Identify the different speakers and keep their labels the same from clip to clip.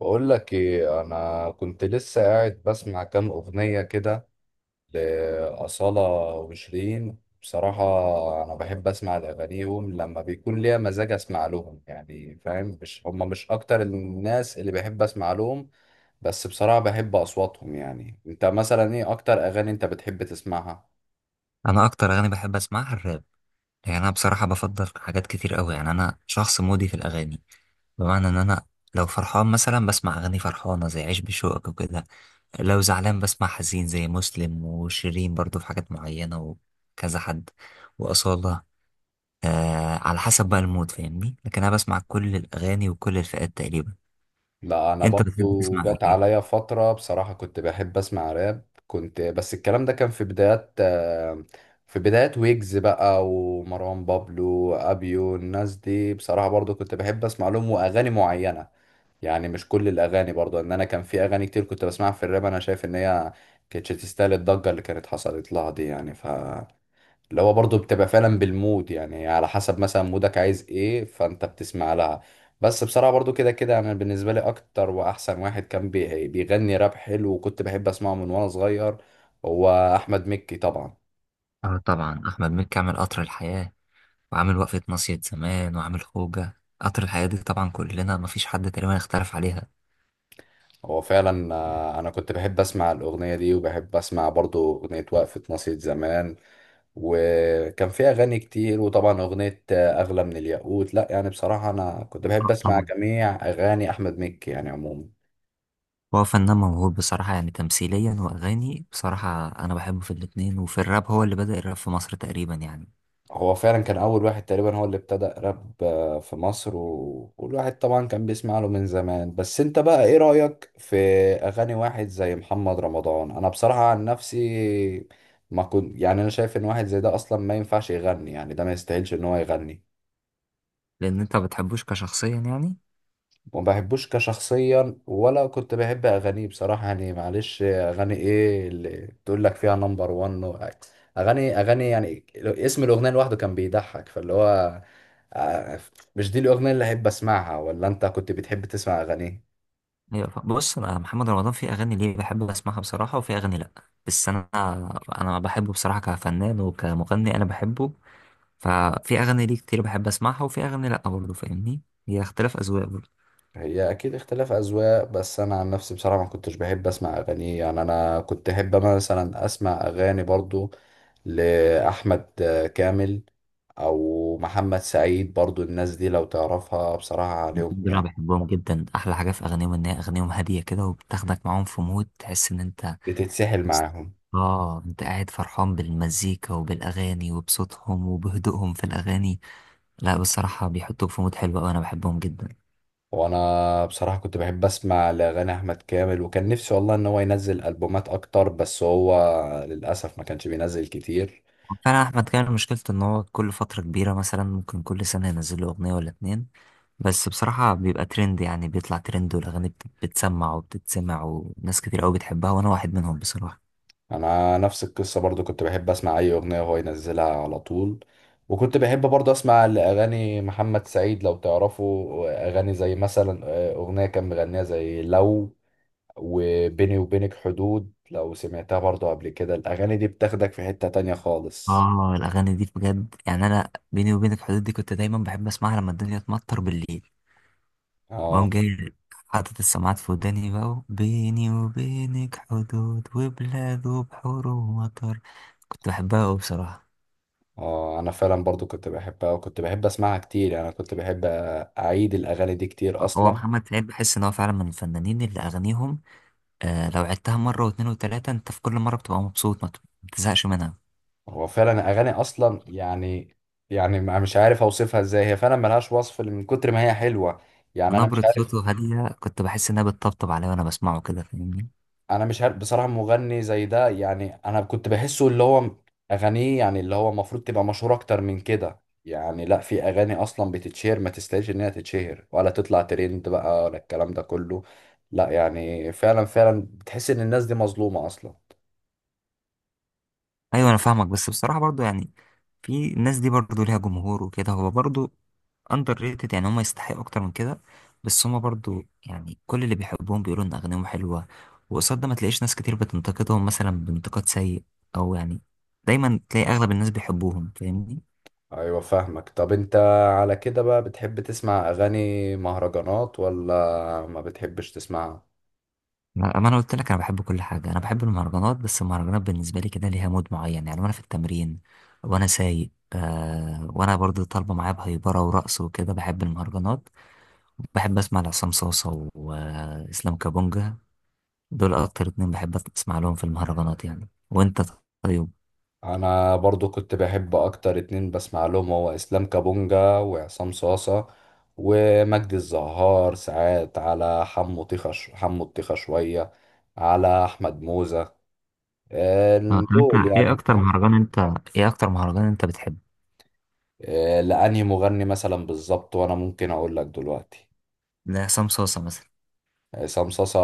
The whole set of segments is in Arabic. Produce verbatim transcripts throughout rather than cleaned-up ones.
Speaker 1: بقول لك ايه، انا كنت لسه قاعد بسمع كام اغنيه كده لاصاله وشيرين بصراحه. انا بحب اسمع لاغانيهم لما بيكون ليا مزاج اسمع لهم، يعني فاهم، مش هم مش اكتر الناس اللي بحب اسمع لهم، بس بصراحه بحب اصواتهم. يعني انت مثلا ايه اكتر اغاني انت بتحب تسمعها؟
Speaker 2: انا اكتر اغاني بحب اسمعها الراب. يعني انا بصراحه بفضل حاجات كتير قوي. يعني انا شخص مودي في الاغاني، بمعنى ان انا لو فرحان مثلا بسمع اغاني فرحانه زي عيش بشوقك وكده. لو زعلان بسمع حزين زي مسلم وشيرين، برضو في حاجات معينه، وكذا حد، واصاله. آه على حسب بقى المود، فاهمني؟ لكن انا بسمع كل الاغاني وكل الفئات تقريبا.
Speaker 1: لا انا
Speaker 2: انت بتحب
Speaker 1: برضو
Speaker 2: تسمع
Speaker 1: جت
Speaker 2: ايه؟
Speaker 1: عليا فتره بصراحه كنت بحب اسمع راب كنت، بس الكلام ده كان في بدايات آه، في بدايات ويجز بقى ومروان بابلو ابيو، الناس دي بصراحه برضو كنت بحب اسمع لهم واغاني معينه، يعني مش كل الاغاني. برضو ان انا كان في اغاني كتير كنت بسمعها في الراب انا شايف ان هي كانتش تستاهل الضجه اللي كانت حصلت لها دي، يعني ف اللي هو برضه بتبقى فعلا بالمود، يعني على حسب مثلا مودك عايز ايه فانت بتسمع لها. بس بصراحة برضه كده كده انا بالنسبة لي اكتر واحسن واحد كان بي- بيغني راب حلو وكنت بحب اسمعه من وانا صغير، هو احمد مكي طبعا.
Speaker 2: اه، طبعا احمد مكي عامل قطر الحياه، وعامل وقفة مصيد زمان، وعامل خوجة. قطر الحياة دي طبعا كلنا مفيش حد تقريبا اختلف عليها.
Speaker 1: هو فعلا آه، انا كنت بحب اسمع الاغنية دي وبحب اسمع برضه اغنية وقفة ناصية زمان، وكان فيها اغاني كتير، وطبعا اغنية آه، اغلى من الياقوت. لا يعني بصراحة انا كنت
Speaker 2: آه،
Speaker 1: بحب اسمع
Speaker 2: طبعا.
Speaker 1: جميع اغاني احمد مكي يعني عموما.
Speaker 2: هو فنان موهوب بصراحة، يعني تمثيليا وأغاني، بصراحة أنا بحبه في الاتنين، وفي الراب هو اللي بدأ الراب في مصر تقريبا يعني.
Speaker 1: هو فعلا كان أول واحد تقريبا هو اللي ابتدأ راب آه، في مصر و... والواحد طبعا كان بيسمع له من زمان. بس انت بقى ايه رأيك في أغاني واحد زي محمد رمضان؟ أنا بصراحة عن نفسي ما كنت، يعني أنا شايف إن واحد زي ده أصلا ما ينفعش يغني، يعني ده ما يستاهلش إن هو يغني.
Speaker 2: لأن أنت ما بتحبوش كشخصيا يعني.
Speaker 1: وما بحبوش كشخصيا ولا كنت بحب اغانيه بصراحه. يعني معلش، اغاني ايه اللي تقول لك فيها نمبر واحد؟ اغاني اغاني، يعني لو- اسم الاغنيه لوحده كان بيضحك، فاللي هو آه، مش دي الاغنيه اللي احب اسمعها، ولا انت كنت بتحب تسمع اغانيه؟
Speaker 2: هي- بص، أنا محمد رمضان في أغاني ليه بحب أسمعها بصراحة، وفي أغاني لأ. بس أنا أنا بحبه بصراحة كفنان وكمغني، أنا بحبه. ففي أغاني ليه كتير بحب أسمعها، وفي أغاني لأ برضه، فاهمني؟ هي اختلاف أذواق.
Speaker 1: هي اكيد اختلاف اذواق، بس انا عن نفسي بصراحه ما كنتش بحب اسمع اغاني. يعني انا كنت احب مثلا اسمع اغاني برضو لاحمد كامل او محمد سعيد برضو، الناس دي لو تعرفها بصراحه عليهم
Speaker 2: الاتنين دول انا
Speaker 1: يعني
Speaker 2: بحبهم جدا. احلى حاجه في اغانيهم ان هي اغانيهم هاديه كده، وبتاخدك معاهم في مود تحس ان انت…
Speaker 1: بتتسحل معاهم.
Speaker 2: اه، انت قاعد فرحان بالمزيكا وبالاغاني وبصوتهم وبهدوءهم في الاغاني. لا، بصراحه بيحطوك في مود حلو قوي، انا بحبهم جدا.
Speaker 1: وانا بصراحه كنت بحب اسمع لاغاني احمد كامل، وكان نفسي والله ان هو ينزل البومات اكتر، بس هو للاسف ما كانش بينزل كتير.
Speaker 2: فعلا احمد كان مشكلته ان هو كل فتره كبيره، مثلا ممكن كل سنه ينزل له اغنيه ولا اتنين، بس بصراحه بيبقى ترند، يعني بيطلع ترند والاغاني بت- بتسمع وبتتسمع، وناس كتير قوي بتحبها، وانا واحد منهم بصراحه.
Speaker 1: انا نفس القصه برضو كنت بحب اسمع اي اغنيه وهو ينزلها على طول. وكنت بحب برضو اسمع لاغاني محمد سعيد، لو تعرفوا اغاني زي مثلا آه، اغنيه كان مغنيها زي لو، وبيني وبينك حدود، لو سمعتها برضو قبل كده الاغاني دي بتاخدك في حته تانية خالص.
Speaker 2: اه، الاغاني دي بجد يعني، انا بيني وبينك الحدود دي كنت دايما بحب اسمعها لما الدنيا تمطر بالليل. بقوم
Speaker 1: اه.
Speaker 2: جاي حاطط السماعات في وداني بقى، وبيني وبينك حدود وبلاد وبحور ومطر. كنت بحبها قوي بصراحة.
Speaker 1: اه انا فعلا برضو كنت بحبها وكنت بحب اسمعها كتير، يعني انا كنت بحب اعيد الاغاني دي كتير
Speaker 2: هو
Speaker 1: اصلا.
Speaker 2: محمد سعيد بحس ان هو فعلا من الفنانين اللي اغانيهم آه لو عدتها مرة واتنين وتلاتة، انت في كل مرة بتبقى مبسوط، ما بتزهقش منها.
Speaker 1: هو فعلا اغاني اصلا يعني، يعني ما- مش عارف اوصفها ازاي، هي فعلا ملهاش وصف من كتر ما هي حلوه، يعني انا مش
Speaker 2: نبرة
Speaker 1: عارف.
Speaker 2: صوته هادية، كنت بحس انها بتطبطب عليا وانا بسمعه كده، فاهمني؟
Speaker 1: انا مش عارف بصراحه مغني زي ده، يعني انا كنت بحسه اللي هو اغانيه يعني اللي هو المفروض تبقى مشهوره اكتر من كده. يعني لا، في اغاني اصلا بتتشهر ما تستاهلش ان هي تتشهر ولا تطلع ترند بقى ولا الكلام ده كله. لا يعني فعلا فعلا بتحس ان الناس دي مظلومه اصلا.
Speaker 2: ايوه، انا فاهمك، بس بصراحه برضو يعني، في الناس دي برضو ليها جمهور وكده، هو برضو اندر ريتد يعني. هم يستحقوا اكتر من كده، بس هم برضو يعني كل اللي بيحبوهم بيقولوا ان اغانيهم حلوه، وقصاد ده ما تلاقيش ناس كتير بتنتقدهم مثلا بانتقاد سيء، او يعني دايما تلاقي اغلب الناس بيحبوهم، فاهمني؟
Speaker 1: ايوه فاهمك. طب انت على كده بقى بتحب تسمع اغاني مهرجانات ولا ما بتحبش تسمعها؟
Speaker 2: ما ما انا قلت لك انا بحب كل حاجه، انا بحب المهرجانات، بس المهرجانات بالنسبه لي كده ليها مود معين يعني. وانا في التمرين وانا سايق آه وانا برضو طالبه معايا بهيبره ورقص وكده، بحب المهرجانات. بحب اسمع لعصام صوصة واسلام كابونجا. دول اكتر اتنين بحب اسمع لهم في المهرجانات يعني. وانت؟ طيب.
Speaker 1: انا برضو كنت بحب اكتر اتنين بسمع لهم، هو اسلام كابونجا وعصام صاصة، ومجدي الزهار ساعات، على حمو طيخة ش- حمو الطيخة شوية، على احمد موزة آه،
Speaker 2: اه، طب
Speaker 1: دول
Speaker 2: انت ايه
Speaker 1: يعني
Speaker 2: اكتر
Speaker 1: فاهم.
Speaker 2: مهرجان انت ايه اكتر مهرجان انت بتحبه؟
Speaker 1: آه، لانهي مغني مثلا بالظبط وانا ممكن اقول لك دلوقتي؟
Speaker 2: لعصام صوصة مثلا.
Speaker 1: عصام صاصا،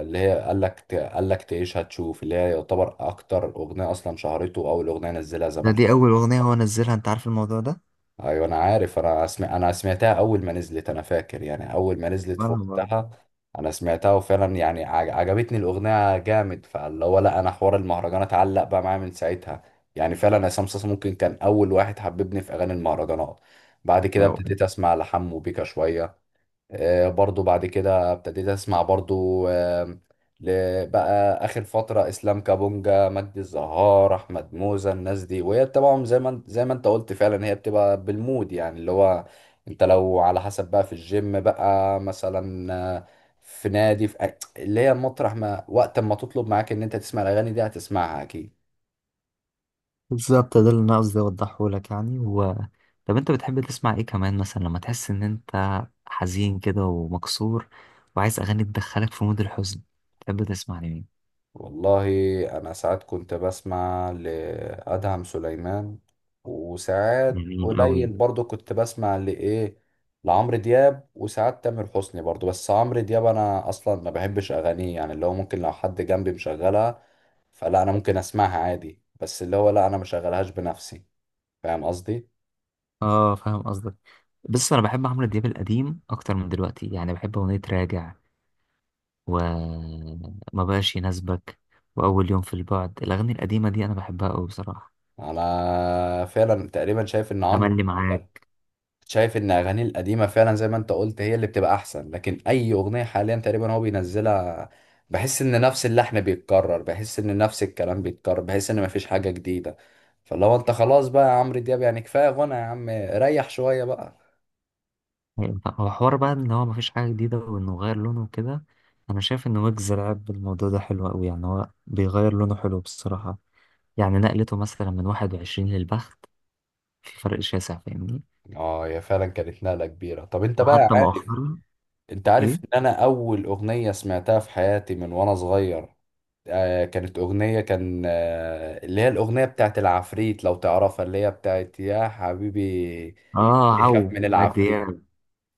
Speaker 1: اللي هي قال لك قال لك تعيش هتشوف، اللي هي يعتبر اكتر اغنيه اصلا شهرته واول اغنيه نزلها
Speaker 2: ده
Speaker 1: زمان
Speaker 2: دي اول
Speaker 1: خالص.
Speaker 2: اغنية هو نزلها، انت عارف الموضوع ده؟
Speaker 1: ايوه انا عارف، انا اسمع، انا سمعتها اول ما نزلت، انا فاكر. يعني اول ما نزلت في
Speaker 2: وانا برضه.
Speaker 1: وقتها انا سمعتها، وفعلا يعني عج- عجبتني الاغنيه جامد، فاللي هو لا، انا حوار المهرجانات علق بقى معايا من ساعتها. يعني فعلا عصام صاصا ممكن كان اول واحد حببني في اغاني المهرجانات. بعد كده
Speaker 2: أيوة.
Speaker 1: ابتديت اسمع لحمو بيكا شويه، آه، برضو بعد كده ابتديت اسمع برضو آه، ل- بقى اخر فتره اسلام كابونجا، مجدي الزهار، احمد موزة، الناس دي. وهي طبعا زي ما انت- زي ما انت قلت فعلا هي بتبقى بالمود، يعني اللي هو انت لو على حسب بقى في الجيم بقى مثلا، آه، في نادي، في أي- اللي هي المطرح، ما وقت ما تطلب معاك ان انت تسمع الاغاني دي هتسمعها اكيد.
Speaker 2: بالظبط، ده اللي انا قصدي اوضحه لك يعني. و... طب انت بتحب تسمع ايه كمان مثلا لما تحس ان انت حزين كده ومكسور، وعايز اغاني تدخلك في مود الحزن، تحب تسمع لمين؟
Speaker 1: والله انا ساعات كنت بسمع لادهم سليمان، وساعات
Speaker 2: جميل أوي.
Speaker 1: قليل برضو كنت بسمع لايه، لعمرو دياب، وساعات تامر حسني برضو. بس عمرو دياب انا اصلا ما بحبش اغانيه، يعني اللي هو ممكن لو حد جنبي مشغلها فلا انا ممكن اسمعها عادي، بس اللي هو لا انا مشغلهاش بنفسي، فاهم قصدي.
Speaker 2: اه، فاهم قصدك. بص، انا بحب عمرو دياب القديم اكتر من دلوقتي، يعني بحب اغنيه راجع، وما بقاش يناسبك، واول يوم في البعد، الاغاني القديمه دي انا بحبها قوي بصراحه.
Speaker 1: انا فعلا تقريبا شايف ان عمرو،
Speaker 2: تملي معاك.
Speaker 1: شايف ان اغانيه القديمه فعلا زي ما انت قلت هي اللي بتبقى احسن، لكن اي اغنيه حاليا تقريبا هو بينزلها بحس ان نفس اللحن بيتكرر، بحس ان نفس الكلام بيتكرر، بحس ان مفيش حاجه جديده. فاللي هو انت خلاص بقى يا عمرو دياب، يعني كفايه غنى يا عم ريح شويه بقى.
Speaker 2: هو حوار بقى ان هو مفيش حاجه جديده، وانه غير لونه وكده. انا شايف ان ويجز لعب بالموضوع ده حلو قوي، يعني هو بيغير لونه حلو بصراحه، يعني نقلته مثلا من واحد وعشرين للبخت، في فرق شاسع، فاهمني؟
Speaker 1: اه هي فعلا كانت نقله كبيره. طب انت بقى
Speaker 2: وحتى
Speaker 1: عارف،
Speaker 2: مؤخرا.
Speaker 1: انت
Speaker 2: ايه؟
Speaker 1: عارف ان انا اول اغنيه سمعتها في حياتي من وانا صغير؟ آه كانت أغنية، كان آه اللي هي الأغنية بتاعت العفريت لو تعرفها، اللي هي بتاعت يا حبيبي
Speaker 2: اه،
Speaker 1: يخاف
Speaker 2: عو
Speaker 1: من
Speaker 2: عدي
Speaker 1: العفريت.
Speaker 2: يعني.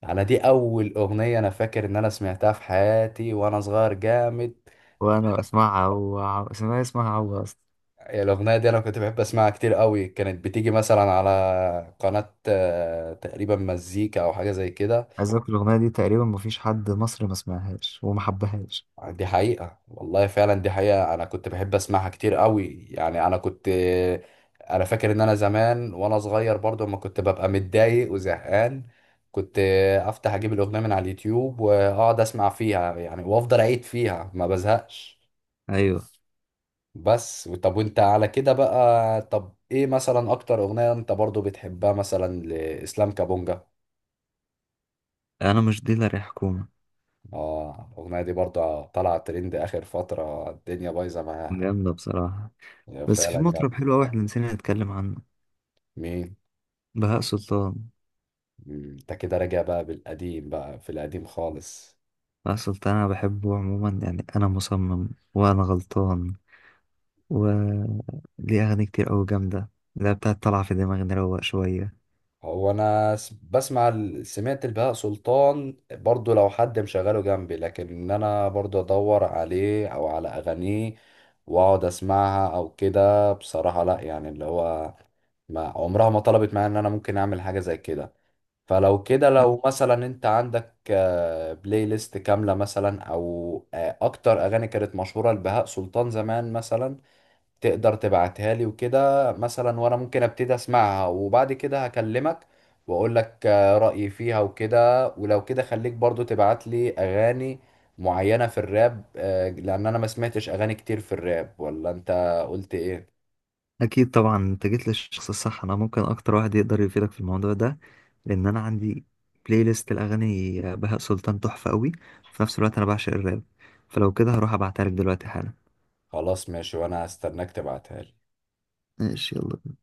Speaker 1: انا دي اول اغنيه انا فاكر ان انا سمعتها في حياتي وانا صغير جامد.
Speaker 2: وانا اسمعها عو عو، اسمها اسمها عو اصلا.
Speaker 1: الاغنيه دي انا كنت بحب اسمعها كتير قوي، كانت بتيجي مثلا على قناه آه، تقريبا مزيكا او حاجه زي كده.
Speaker 2: عايز اقول الاغنيه دي تقريبا مفيش حد مصري ما سمعهاش وما حبهاش.
Speaker 1: دي حقيقه والله، فعلا دي حقيقه، انا كنت بحب اسمعها كتير قوي. يعني انا كنت، انا فاكر ان انا زمان وانا صغير برضو لما كنت ببقى متضايق وزهقان كنت افتح اجيب الاغنيه من على اليوتيوب واقعد اسمع فيها، يعني وافضل اعيد فيها ما بزهقش.
Speaker 2: ايوه،
Speaker 1: بس طب وانت على كده بقى، طب ايه مثلا اكتر اغنية انت برضو بتحبها مثلا لإسلام كابونجا؟
Speaker 2: انا مش ديلر يا حكومه.
Speaker 1: اه الاغنية دي برضو طالعة ترند اخر فترة الدنيا بايظة معاها.
Speaker 2: جامده بصراحه.
Speaker 1: هي
Speaker 2: بس في
Speaker 1: فعلا
Speaker 2: مطرب
Speaker 1: جامد.
Speaker 2: حلو قوي احنا نسينا نتكلم عنه.
Speaker 1: مين؟
Speaker 2: بهاء سلطان.
Speaker 1: مم، انت كده راجع بقى بالقديم بقى في القديم خالص.
Speaker 2: بهاء سلطان انا بحبه عموما، يعني انا مصمم، وانا غلطان، و ليه اغاني كتير قوي جامده. لا بتاعت طالعه في دماغي، نروق شويه.
Speaker 1: هو انا س- بسمع ال- سمعت البهاء سلطان برضو لو حد مشغله جنبي، لكن ان انا برضو ادور عليه او على اغانيه واقعد اسمعها او كده بصراحة لا، يعني اللي هو ما عمرها ما طلبت معايا ان انا ممكن اعمل حاجة زي كده. فلو كده لو مثلا انت عندك آه، بلاي ليست كاملة مثلا، او آه، اكتر اغاني كانت مشهورة لبهاء سلطان زمان مثلا تقدر تبعتها لي وكده مثلا، وانا ممكن ابتدي اسمعها وبعد كده هكلمك واقول لك آه، رأيي فيها وكده. ولو كده خليك برضو تبعت لي اغاني معينة في الراب، آه، لان انا ما سمعتش اغاني كتير في الراب. ولا انت قلت ايه؟
Speaker 2: اكيد طبعا، انت جيت للشخص الصح، انا ممكن اكتر واحد يقدر يفيدك في الموضوع ده. لان انا عندي بلاي ليست الاغاني بهاء سلطان تحفه قوي، في نفس الوقت انا بعشق الراب، فلو كده هروح ابعتها لك دلوقتي حالا.
Speaker 1: خلاص ماشي، وانا هستناك تبعتها لي.
Speaker 2: ماشي، يلا.